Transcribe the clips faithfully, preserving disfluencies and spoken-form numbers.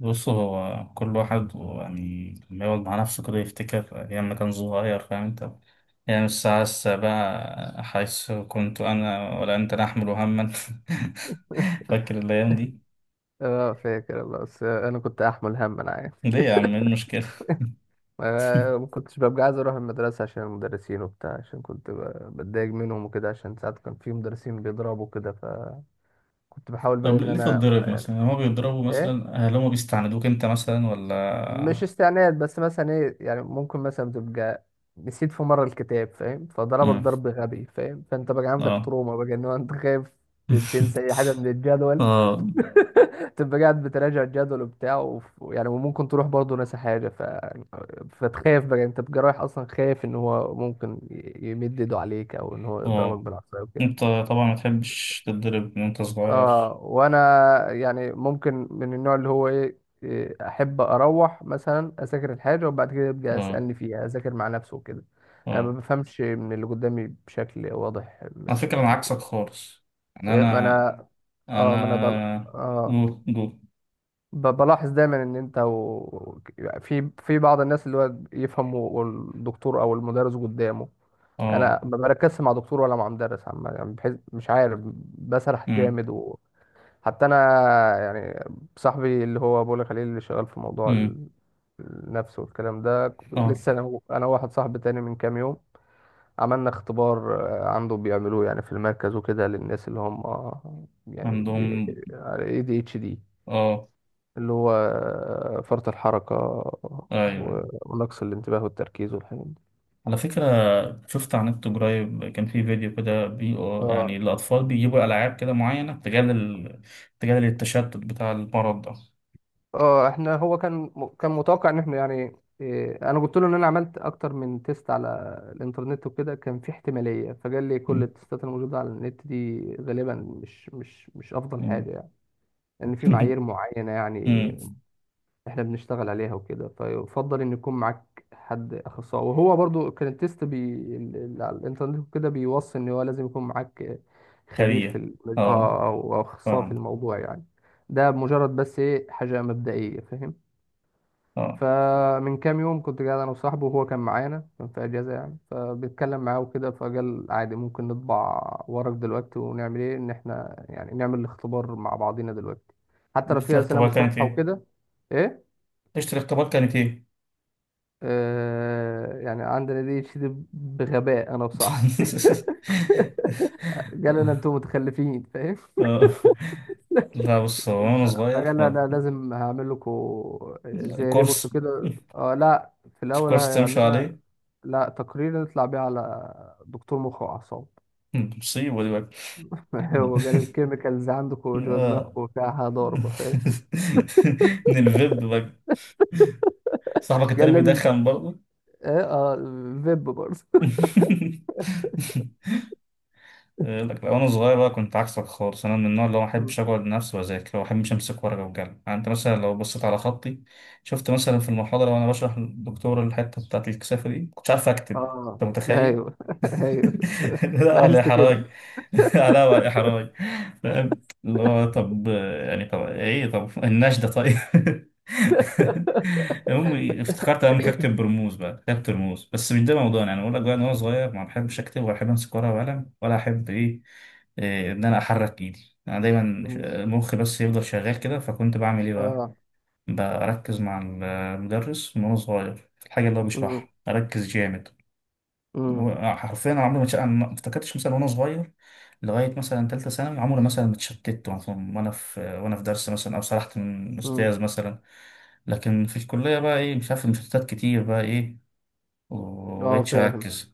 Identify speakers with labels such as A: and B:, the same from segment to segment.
A: بص هو كل واحد يعني لما يقعد مع نفسه كده يفتكر أيام ما كان صغير، فاهم أنت؟ يعني الساعة السابعة حيث كنت أنا ولا أنت نحمل هما. فاكر الأيام دي؟
B: اه فاكر والله، بس انا كنت احمل هم انا عارف.
A: ليه يا عم، إيه المشكلة؟
B: آه، ما كنتش ببقى عايز اروح المدرسه عشان المدرسين وبتاع، عشان كنت ب- بتضايق منهم وكده، عشان ساعات كان في مدرسين بيضربوا كده، فكنت بحاول بقى
A: طب
B: ان
A: ليه
B: انا
A: تتضرب
B: يعني.
A: مثلا، هما بيضربوا
B: ايه
A: مثلا؟ هل هما بيستعندوك أنت مثلا ولا؟
B: مش استعناد، بس مثلا ايه يعني، ممكن مثلا تبقى نسيت في مره الكتاب، فاهم، فضربك
A: مم.
B: ضرب غبي، فاهم، فانت بقى عندك
A: اه.
B: تروما بقى ان هو انت خايف ت- تنسى اي حاجه من الجدول،
A: اه
B: تبقى قاعد بتراجع الجدول وبتاع وف- يعني، وممكن تروح برضه ناسي حاجة ف... فتخاف بقى، انت بتبقى رايح اصلا خايف ان هو ممكن ي- يمد ايده عليك او ان هو يضربك
A: اه.
B: بالعصاية وكده.
A: أنت طبعا ما تحبش تتضرب من أنت صغير.
B: اه وانا يعني ممكن من النوع اللي هو ايه. إيه، احب اروح مثلا اذاكر الحاجة، وبعد كده يبقى
A: اه
B: اسألني فيها، اذاكر مع نفسه وكده. انا ما
A: اه.
B: بفهمش من اللي قدامي بشكل واضح. م...
A: على
B: م...
A: فكرة أنا عكسك خالص. يعني
B: إيه، انا.
A: أنا،
B: اه ما انا بل...
A: انا
B: اه
A: جو جو.
B: ب- بلاحظ دايما ان انت و... في في بعض الناس اللي هو يفهموا والدكتور او المدرس قدامه.
A: اه.
B: انا ما بركزش مع دكتور ولا مع مدرس عم، يعني بحيث مش عارف، بسرح
A: امم.
B: جامد. وحتى انا يعني، صاحبي اللي هو بقول لك عليه، اللي شغال في موضوع
A: امم.
B: ال- النفس والكلام ده، ك-
A: اه.
B: لسه انا و- انا واحد صاحبي تاني من كام يوم عملنا اختبار. آه، عنده بيعملوه يعني في المركز وكده، للناس اللي هم، آه، يعني بي...
A: عندهم.
B: اي دي اتش دي،
A: اه.
B: اللي هو فرط الحركة
A: ايوه ايوه.
B: و- ونقص الانتباه والتركيز والحاجات دي.
A: على فكرة شفت على النت قريب، كان في فيديو كده بي، يعني
B: اه
A: الأطفال بيجيبوا ألعاب كده معينة تجادل ال... تجادل التشتت بتاع المرض ده.
B: اه احنا هو كان، كان متوقع ان احنا يعني. إيه انا قلت له ان انا عملت اكتر من تيست على الانترنت وكده، كان في احتمالية، فقال لي كل
A: مم.
B: التيستات الموجودة على النت دي غالبا مش مش مش افضل حاجة
A: مم.
B: يعني، لان في معايير معينة يعني
A: مم.
B: احنا بنشتغل عليها وكده، فيفضل ان يكون معاك حد اخصائي. وهو برضو كان التيست بي... ال- ال- على الانترنت وكده بيوصي ان هو لازم يكون معاك خبير في
A: خبير.
B: ال...
A: اه.
B: اه او أو اخصائي في
A: فاهم.
B: الموضوع يعني. ده مجرد بس ايه حاجة مبدئية، فاهم.
A: اه.
B: فمن كام يوم كنت قاعد انا وصاحبي، وهو كان معانا، كان في اجازة يعني، فبيتكلم معاه وكده، فقال عادي ممكن نطبع ورق دلوقتي ونعمل ايه، ان احنا يعني نعمل الاختبار مع بعضينا دلوقتي حتى لو
A: ليلة
B: في اسئلة
A: الاختبار
B: مش
A: كانت
B: واضحة
A: ايه؟
B: وكده. ايه
A: ليلة الاختبار كانت ايه؟
B: آه يعني عندنا دي تشيد بغباء انا بصراحه. قال لنا انتوا متخلفين، فاهم.
A: آه. لا، بص هو وانا صغير،
B: فقال لنا
A: آه،
B: انا لازم هعمل لكم زي ريبورت
A: كورس.
B: كده، آه لا في
A: مش
B: الاول
A: كورس تمشي
B: هيعملها،
A: عليه.
B: لا تقرير نطلع بيه على دكتور مخ واعصاب.
A: مصيبة دي بقى.
B: هو قال الكيميكالز عندكم جوه
A: آه.
B: دماغكم فيها ضربه، فاهم.
A: من الفيب بقى؟ صاحبك التاني
B: قال لازم.
A: بيدخن برضه؟
B: اه اه فيب برضه.
A: يقول لك، لا، وانا صغير بقى كنت عكسك خالص. انا من النوع اللي هو ما
B: مم.
A: احبش اقعد لنفسي واذاكر، وما احبش امسك ورقه وقلم. يعني انت مثلا لو بصيت على خطي، شفت مثلا في المحاضره وانا بشرح للدكتور الحته بتاعت الكثافه دي كنتش عارف اكتب.
B: اه
A: انت متخيل؟
B: ايوه. ايوه.
A: لا ولا
B: لاحظت
A: احراج.
B: كده.
A: لا ولا احراج. فاهم اللي هو طب، يعني طب ايه طب النشده طيب. امي افتكرت انا كاتب برموز بقى، كتبت رموز، بس مش ده موضوعنا. يعني اقول لك بقى ان انا صغير ما بحبش اكتب، ولا احب امسك ورقه وقلم، ولا احب ايه، إيه، ان انا احرك ايدي. انا دايما ش-
B: مم.
A: مخي بس يفضل شغال كده. فكنت بعمل ايه بقى؟
B: اه
A: بركز مع المدرس من وانا صغير في الحاجه اللي هو بيشرحها، اركز جامد.
B: امم.
A: حرفيا انا عمري ما اتش- أنا ما افتكرتش مثلا وانا صغير، لغايه مثلا ثالثه ثانوي، عمري مثلا ما اتشتت مثلا وانا في وانا في درس مثلا، او سرحت من
B: امم.
A: استاذ مثلا. لكن في الكليه بقى ايه، مش عارف، المشتتات كتير بقى ايه،
B: اه
A: ومبقتش
B: فاهم.
A: اركز.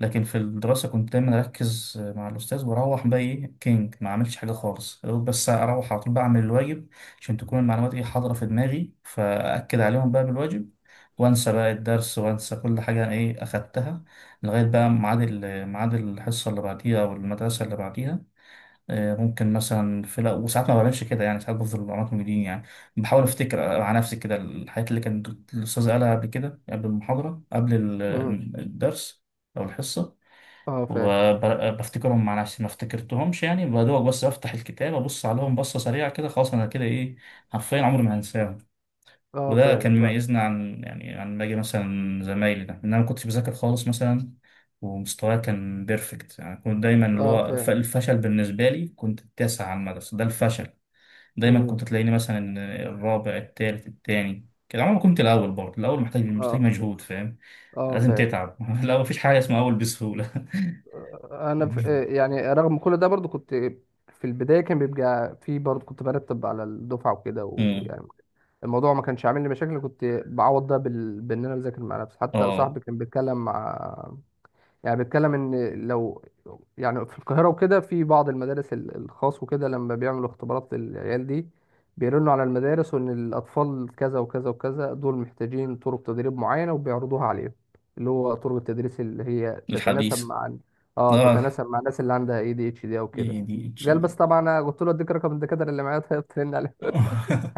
A: لكن في الدراسة كنت دايما أركز مع الأستاذ، وأروح بقى إيه كينج ما عملتش حاجة خالص، يا دوب بس أروح على طول بعمل الواجب عشان تكون المعلومات إيه حاضرة في دماغي، فأكد عليهم بقى بالواجب، وأنسى بقى الدرس وأنسى كل حاجة إيه أخدتها لغاية بقى ميعاد ال- ميعاد الحصة اللي بعديها أو المدرسة اللي بعديها. آه، ممكن مثلا في لا، وساعات ما بعملش كده. يعني ساعات بفضل معلومات موجودين يعني، بحاول أفتكر مع نفسي كده الحاجات اللي كان الأستاذ قالها قبل كده، قبل المحاضرة، قبل
B: امم.
A: ال- الدرس أو الحصة،
B: اه فاهم.
A: وبفتكرهم مع نفسي. ما افتكرتهمش يعني بدوق، بس افتح الكتاب ابص عليهم بصه سريعه كده، خلاص انا كده ايه، حرفيا عمري ما هنساهم.
B: اه
A: وده كان
B: فاهم. لا.
A: مميزنا عن يعني عن باقي مثلا زمايلي ده، ان انا ما كنتش بذاكر خالص مثلا، ومستواي كان بيرفكت. يعني كنت دايما اللي
B: اه
A: هو ف-
B: فاهم.
A: الفشل بالنسبه لي كنت التاسع على المدرسه، ده الفشل. دايما
B: امم.
A: كنت تلاقيني مثلا الرابع التالت التاني كده. عمري ما كنت الاول. برضه الاول محتاج محتاج
B: اه.
A: مجهود، فاهم؟
B: اه
A: لازم
B: فاهم.
A: تتعب. الاول مفيش حاجه اسمها اول بسهوله.
B: آه، انا ف... آه، يعني رغم كل ده برضو كنت في البدايه، كان بيبقى في برضو كنت برتب على الدفعه وكده،
A: امم.
B: ويعني الموضوع ما كانش عامل لي مشاكل، كنت بعوض ده بال... بان انا بذاكر مع نفسي. حتى
A: اه.
B: صاحبي كان بيتكلم مع، يعني بيتكلم ان، لو يعني في القاهرة وكده، في بعض المدارس ال- الخاص وكده، لما بيعملوا اختبارات للعيال دي بيرنوا على المدارس وان الاطفال كذا وكذا وكذا دول محتاجين طرق تدريب معينة، وبيعرضوها عليهم، اللي هو طرق التدريس اللي هي تتناسب
A: الحديث.
B: مع، اه
A: اه.
B: تتناسب مع الناس اللي عندها اي دي اتش دي او كده.
A: ايه دي اتش
B: قال
A: دي.
B: بس طبعا انا قلت له اديك رقم الدكاترة اللي معايا، طيب ترن عليهم.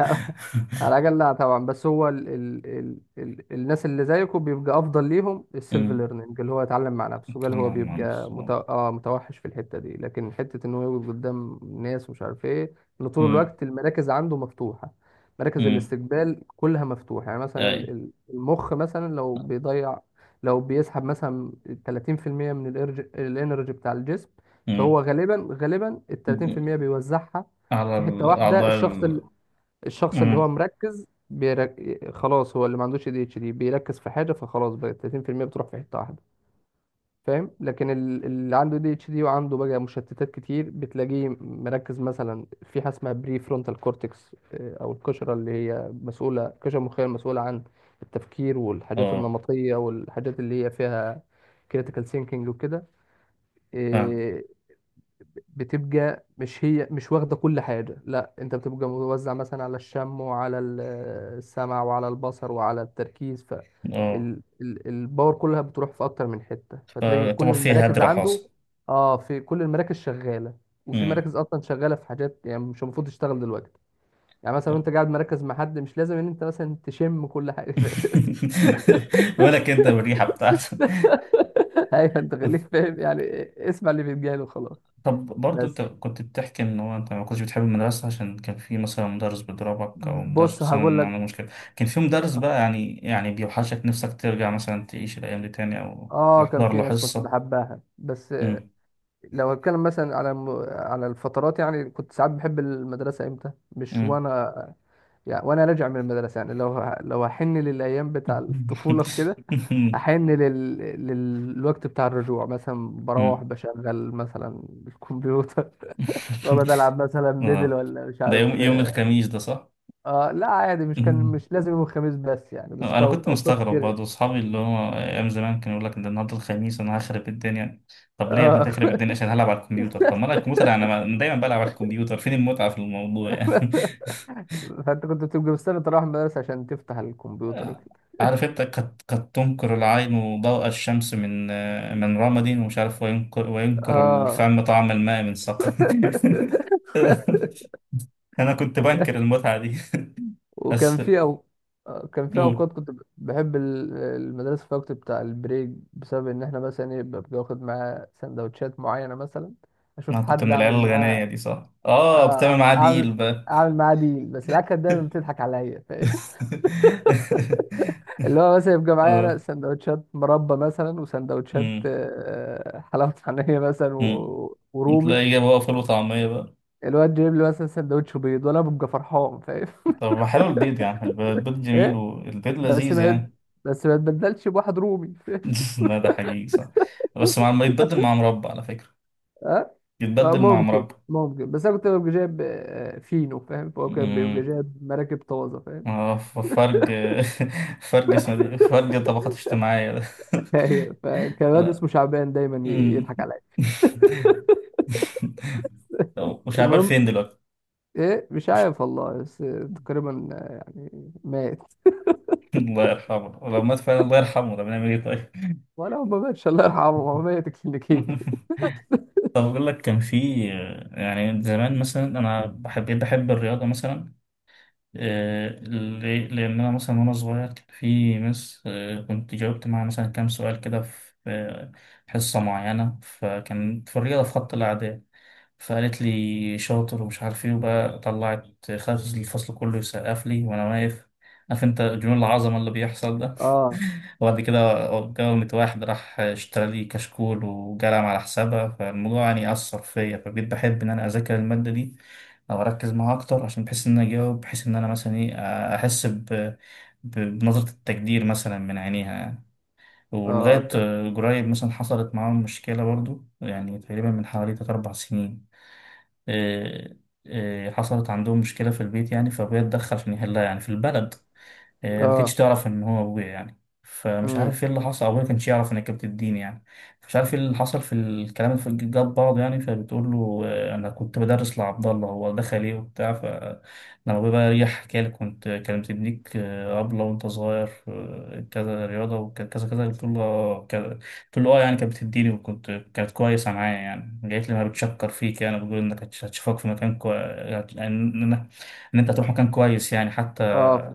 B: على العجل، لا طبعا، بس هو ال ال ال ال الناس اللي زيكم بيبقى افضل ليهم السيلف
A: امم.
B: ليرنينج، اللي هو يتعلم مع نفسه. قال هو
A: طلع مع
B: بيبقى
A: نفسه،
B: مت...
A: آه.
B: آه متوحش في الحته دي، لكن حته ان هو يقعد قدام ناس ومش عارف ايه، ان طول
A: امم.
B: الوقت المراكز عنده مفتوحه، مراكز
A: امم.
B: الاستقبال كلها مفتوحه. يعني مثلا
A: اي.
B: ال- ال- المخ مثلا لو بيضيع، لو بيسحب مثلا ثلاثين في المية من الإرج- الانرجي بتاع الجسم،
A: امم.
B: فهو غالبا غالبا ال ثلاثين في المية بيوزعها
A: على
B: في حته واحده.
A: الاعضاء
B: الشخص
A: ال...
B: الشخص اللي هو
A: امم.
B: مركز بيرك... خلاص، هو اللي ما عندوش اي دي اتش دي بيركز في حاجه، فخلاص بقى ثلاثين في المية بتروح في حته واحده، فاهم. لكن ال- اللي عنده دي اتش دي وعنده بقى مشتتات كتير، بتلاقيه مركز مثلا في حاجه اسمها بري فرونتال كورتكس، او القشره اللي هي مسؤوله، القشره المخيه المسؤوله عن التفكير والحاجات
A: اه
B: النمطيه والحاجات اللي هي فيها كريتيكال ثينكينج وكده.
A: فاهم.
B: آه، بتبقى مش هي مش واخدة كل حاجة، لا انت بتبقى موزع مثلا على الشم وعلى ال- السمع وعلى البصر وعلى التركيز، ف
A: اه
B: ال- ال- الباور كلها بتروح في اكتر من حتة، فتلاقي
A: فطبعا
B: كل
A: في
B: المراكز
A: هدر
B: عنده.
A: حاصل.
B: اه في كل المراكز شغالة، وفي
A: امم.
B: مراكز اصلا شغالة في حاجات يعني مش المفروض تشتغل دلوقتي. يعني مثلا
A: آه.
B: وانت قاعد مركز مع حد، مش لازم ان انت مثلا تشم كل حاجة.
A: بالك انت بالريحه بتاعته.
B: ايوه انت خليك فاهم يعني، اسمع اللي في دماغه وخلاص.
A: طب برضو انت
B: بس
A: كنت بتحكي ان هو انت ما كنتش بتحب المدرسة عشان كان في مثلا مدرس بيضربك، او مدرس
B: بص هقول
A: مثلا
B: لك،
A: عنده مشكلة. كان في مدرس بقى يعني يعني بيوحشك نفسك ترجع مثلا تعيش الايام دي تاني، او
B: اه كان
A: تحضر
B: في
A: له
B: ناس كنت
A: حصة؟
B: بحبها. بس
A: مم.
B: لو هتكلم مثلا على م... على الفترات، يعني كنت ساعات بحب المدرسة امتى؟ مش
A: مم.
B: وانا، يعني وانا راجع من المدرسة. يعني لو ه... لو هحن للايام بتاع الطفولة وكده، احن لل... للوقت بتاع الرجوع، مثلا بروح
A: مم.
B: بشغل مثلا الكمبيوتر، بقعد العب مثلا ميدل
A: اه.
B: ولا مش
A: ده يوم
B: عارف.
A: يوم الخميس ده صح؟
B: اه لا عادي، مش كان مش لازم يوم الخميس، بس يعني بس
A: انا
B: كو-
A: كنت
B: اوقات
A: مستغرب
B: كتير.
A: برضه اصحابي اللي هو ايام زمان كانوا يقول لك ده النهارده الخميس، انا هخرب الدنيا. طب ليه يا ابني
B: اه
A: هتخرب الدنيا؟ عشان هلعب على الكمبيوتر؟ طب ما انا الكمبيوتر، يعني انا أنا دايما بلعب على الكمبيوتر. فين المتعه في الموضوع يعني؟
B: فانت كنت بتبقى مستني تروح المدرسة عشان تفتح الكمبيوتر وكده.
A: عارف انت قد قد تنكر العين ضوء الشمس من من رمد؟ ومش عارف، وينكر وينكر
B: اه
A: الفم طعم الماء من سقم. انا كنت بنكر المتعه دي.
B: وكان
A: بس
B: في أو... آه، كان في
A: قول.
B: اوقات كنت ب- بحب ال- المدرسة في الوقت بتاع البريك، بسبب ان احنا مثلا ايه ببقى واخد معاه سندوتشات معينة مثلا، اشوف
A: انا كنت
B: حد
A: من العيال
B: اعمل
A: الغنيه
B: معاه.
A: دي صح؟ اه بتعمل
B: آه،
A: معاه
B: اعمل
A: ديل بقى.
B: اعمل معاه ديل، بس العيال كانت دايما بتضحك عليا، فاهم؟ اللي هو مثلا يبقى معايا انا
A: اه.
B: سندوتشات مربى مثلا، وسندوتشات
A: امم.
B: آه، حلاوة طحينية مثلا
A: امم.
B: و... ورومي،
A: تلاقي جاب بقى فول وطعمية بقى.
B: الواد جايب لي مثلا سندوتش بيض، وانا ببقى فرحان، فاهم.
A: طب ما حلو البيض، يعني الب- البيض جميل،
B: ايه،
A: والبيض
B: بس
A: لذيذ
B: ما
A: يعني.
B: بس ما تبدلش بواحد رومي.
A: لا ده حقيقي صح. بس مع ما يتبدل مع مربى على فكرة،
B: ها آه،
A: يتبدل مع
B: ممكن
A: مربى.
B: ممكن بس انا كنت ببقى جايب آه، فينو، فاهم، فهو كان بيبقى
A: امم.
B: جايب مراكب طازه، فاهم.
A: اه ف- فرق. فرق اسمه دي، فرق طبقات اجتماعية ده.
B: ايوه. فكان واد
A: لا.
B: اسمه شعبان دايما ي-
A: أمم.
B: يضحك عليا.
A: طب وشعبان
B: المهم
A: فين دلوقتي؟
B: ايه مش عارف والله، بس تقريبا آه، يعني مات،
A: الله يرحمه لو مات فعلا، الله يرحمه. طب نعمل ايه طيب؟
B: ولا هو ما ماتش، الله يرحمه هو ميت كلينيكي.
A: طب أقول لك، كان في، يعني زمان مثلا أنا بحب بحب الرياضة مثلا. آه، ليه؟ لأن أنا مثلا وأنا صغير كان في مس، آه، كنت جاوبت معاها مثلا كام سؤال كده في، آه، حصة معينة، فكان في الرياضة في خط الأعداد، فقالت لي شاطر ومش عارف إيه، وبقى طلعت خلت الفصل كله يسقف لي وأنا واقف. عارف أنت جنون العظمة اللي بيحصل.
B: اه
A: وبعد كده اتجوزت واحد راح اشترى لي كشكول وجلم على حسابها، فالموضوع يعني أثر فيا، فبقيت بحب إن أنا أذاكر المادة دي أو أركز معاها أكتر، عشان بحس إن أنا أجاوب، بحس إن أنا مثلا إيه، أحس ب... ب... بنظرة التقدير مثلا من عينيها يعني.
B: اه
A: ولغاية
B: اوكي.
A: قريب مثلا حصلت معاهم مشكلة برضو، يعني تقريبا من حوالي تلات أربع سنين، إيه- إيه، حصلت عندهم مشكلة في البيت يعني، فأبويا اتدخل عشان يحلها يعني في البلد. آه، ما كانتش
B: اه
A: تعرف ان هو ابويا يعني، فمش
B: امم.
A: عارف ايه اللي حصل، ابويا ما كانش يعرف انك كانت الدين يعني، مش عارف ايه اللي حصل في الكلام اللي في- جاب بعض يعني. فبتقول له، آه، انا كنت بدرس لعبد الله، هو دخل ايه وبتاع. فلما ابويا بقى ريح حكى لي، كنت كانت بتديك، آه، طبلة وانت صغير، آه، كذا رياضة وكذا كذا كذا. قلت له، آه، كذا. قلت له اه، يعني كانت بتديني، وكنت كانت كويسة معايا يعني، جايت لي ما بتشكر فيك يعني، بتقول انك هتش- هتشوفك في مكان كويس، ان إن- إن انت هتروح مكان كويس يعني. حتى،
B: اه ف-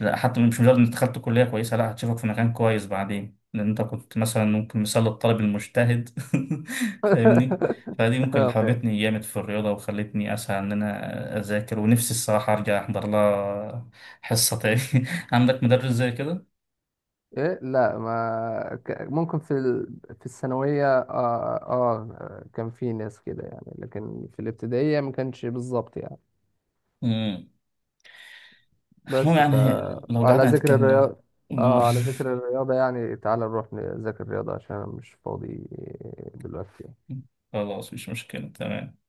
A: لا حتى مش مجرد انت دخلت كلية كويسة، لا هتشوفك في مكان كويس بعدين، لان انت كنت مثلا ممكن مثال الطالب المجتهد. فاهمني. فدي ممكن اللي
B: اه فاهم.
A: حببتني جامد في الرياضة، وخلتني اسعى ان انا اذاكر. ونفسي الصراحة ارجع احضر لها حصة تاني. عندك مدرس زي كده؟
B: إيه؟ لا ما ك- ممكن في ال... في الثانوية، آه, آه كان في ناس كده يعني، لكن في الابتدائية ما كانش بالظبط يعني.
A: مم. المهم
B: بس ف
A: يعني، لو
B: على
A: قعدنا
B: ذكر
A: نتكلم.
B: الرياضة،
A: قول.
B: آه على ذكر الرياضة يعني تعال نروح نذاكر الرياضة عشان أنا مش فاضي دلوقتي.
A: خلاص مش مشكلة، تمام.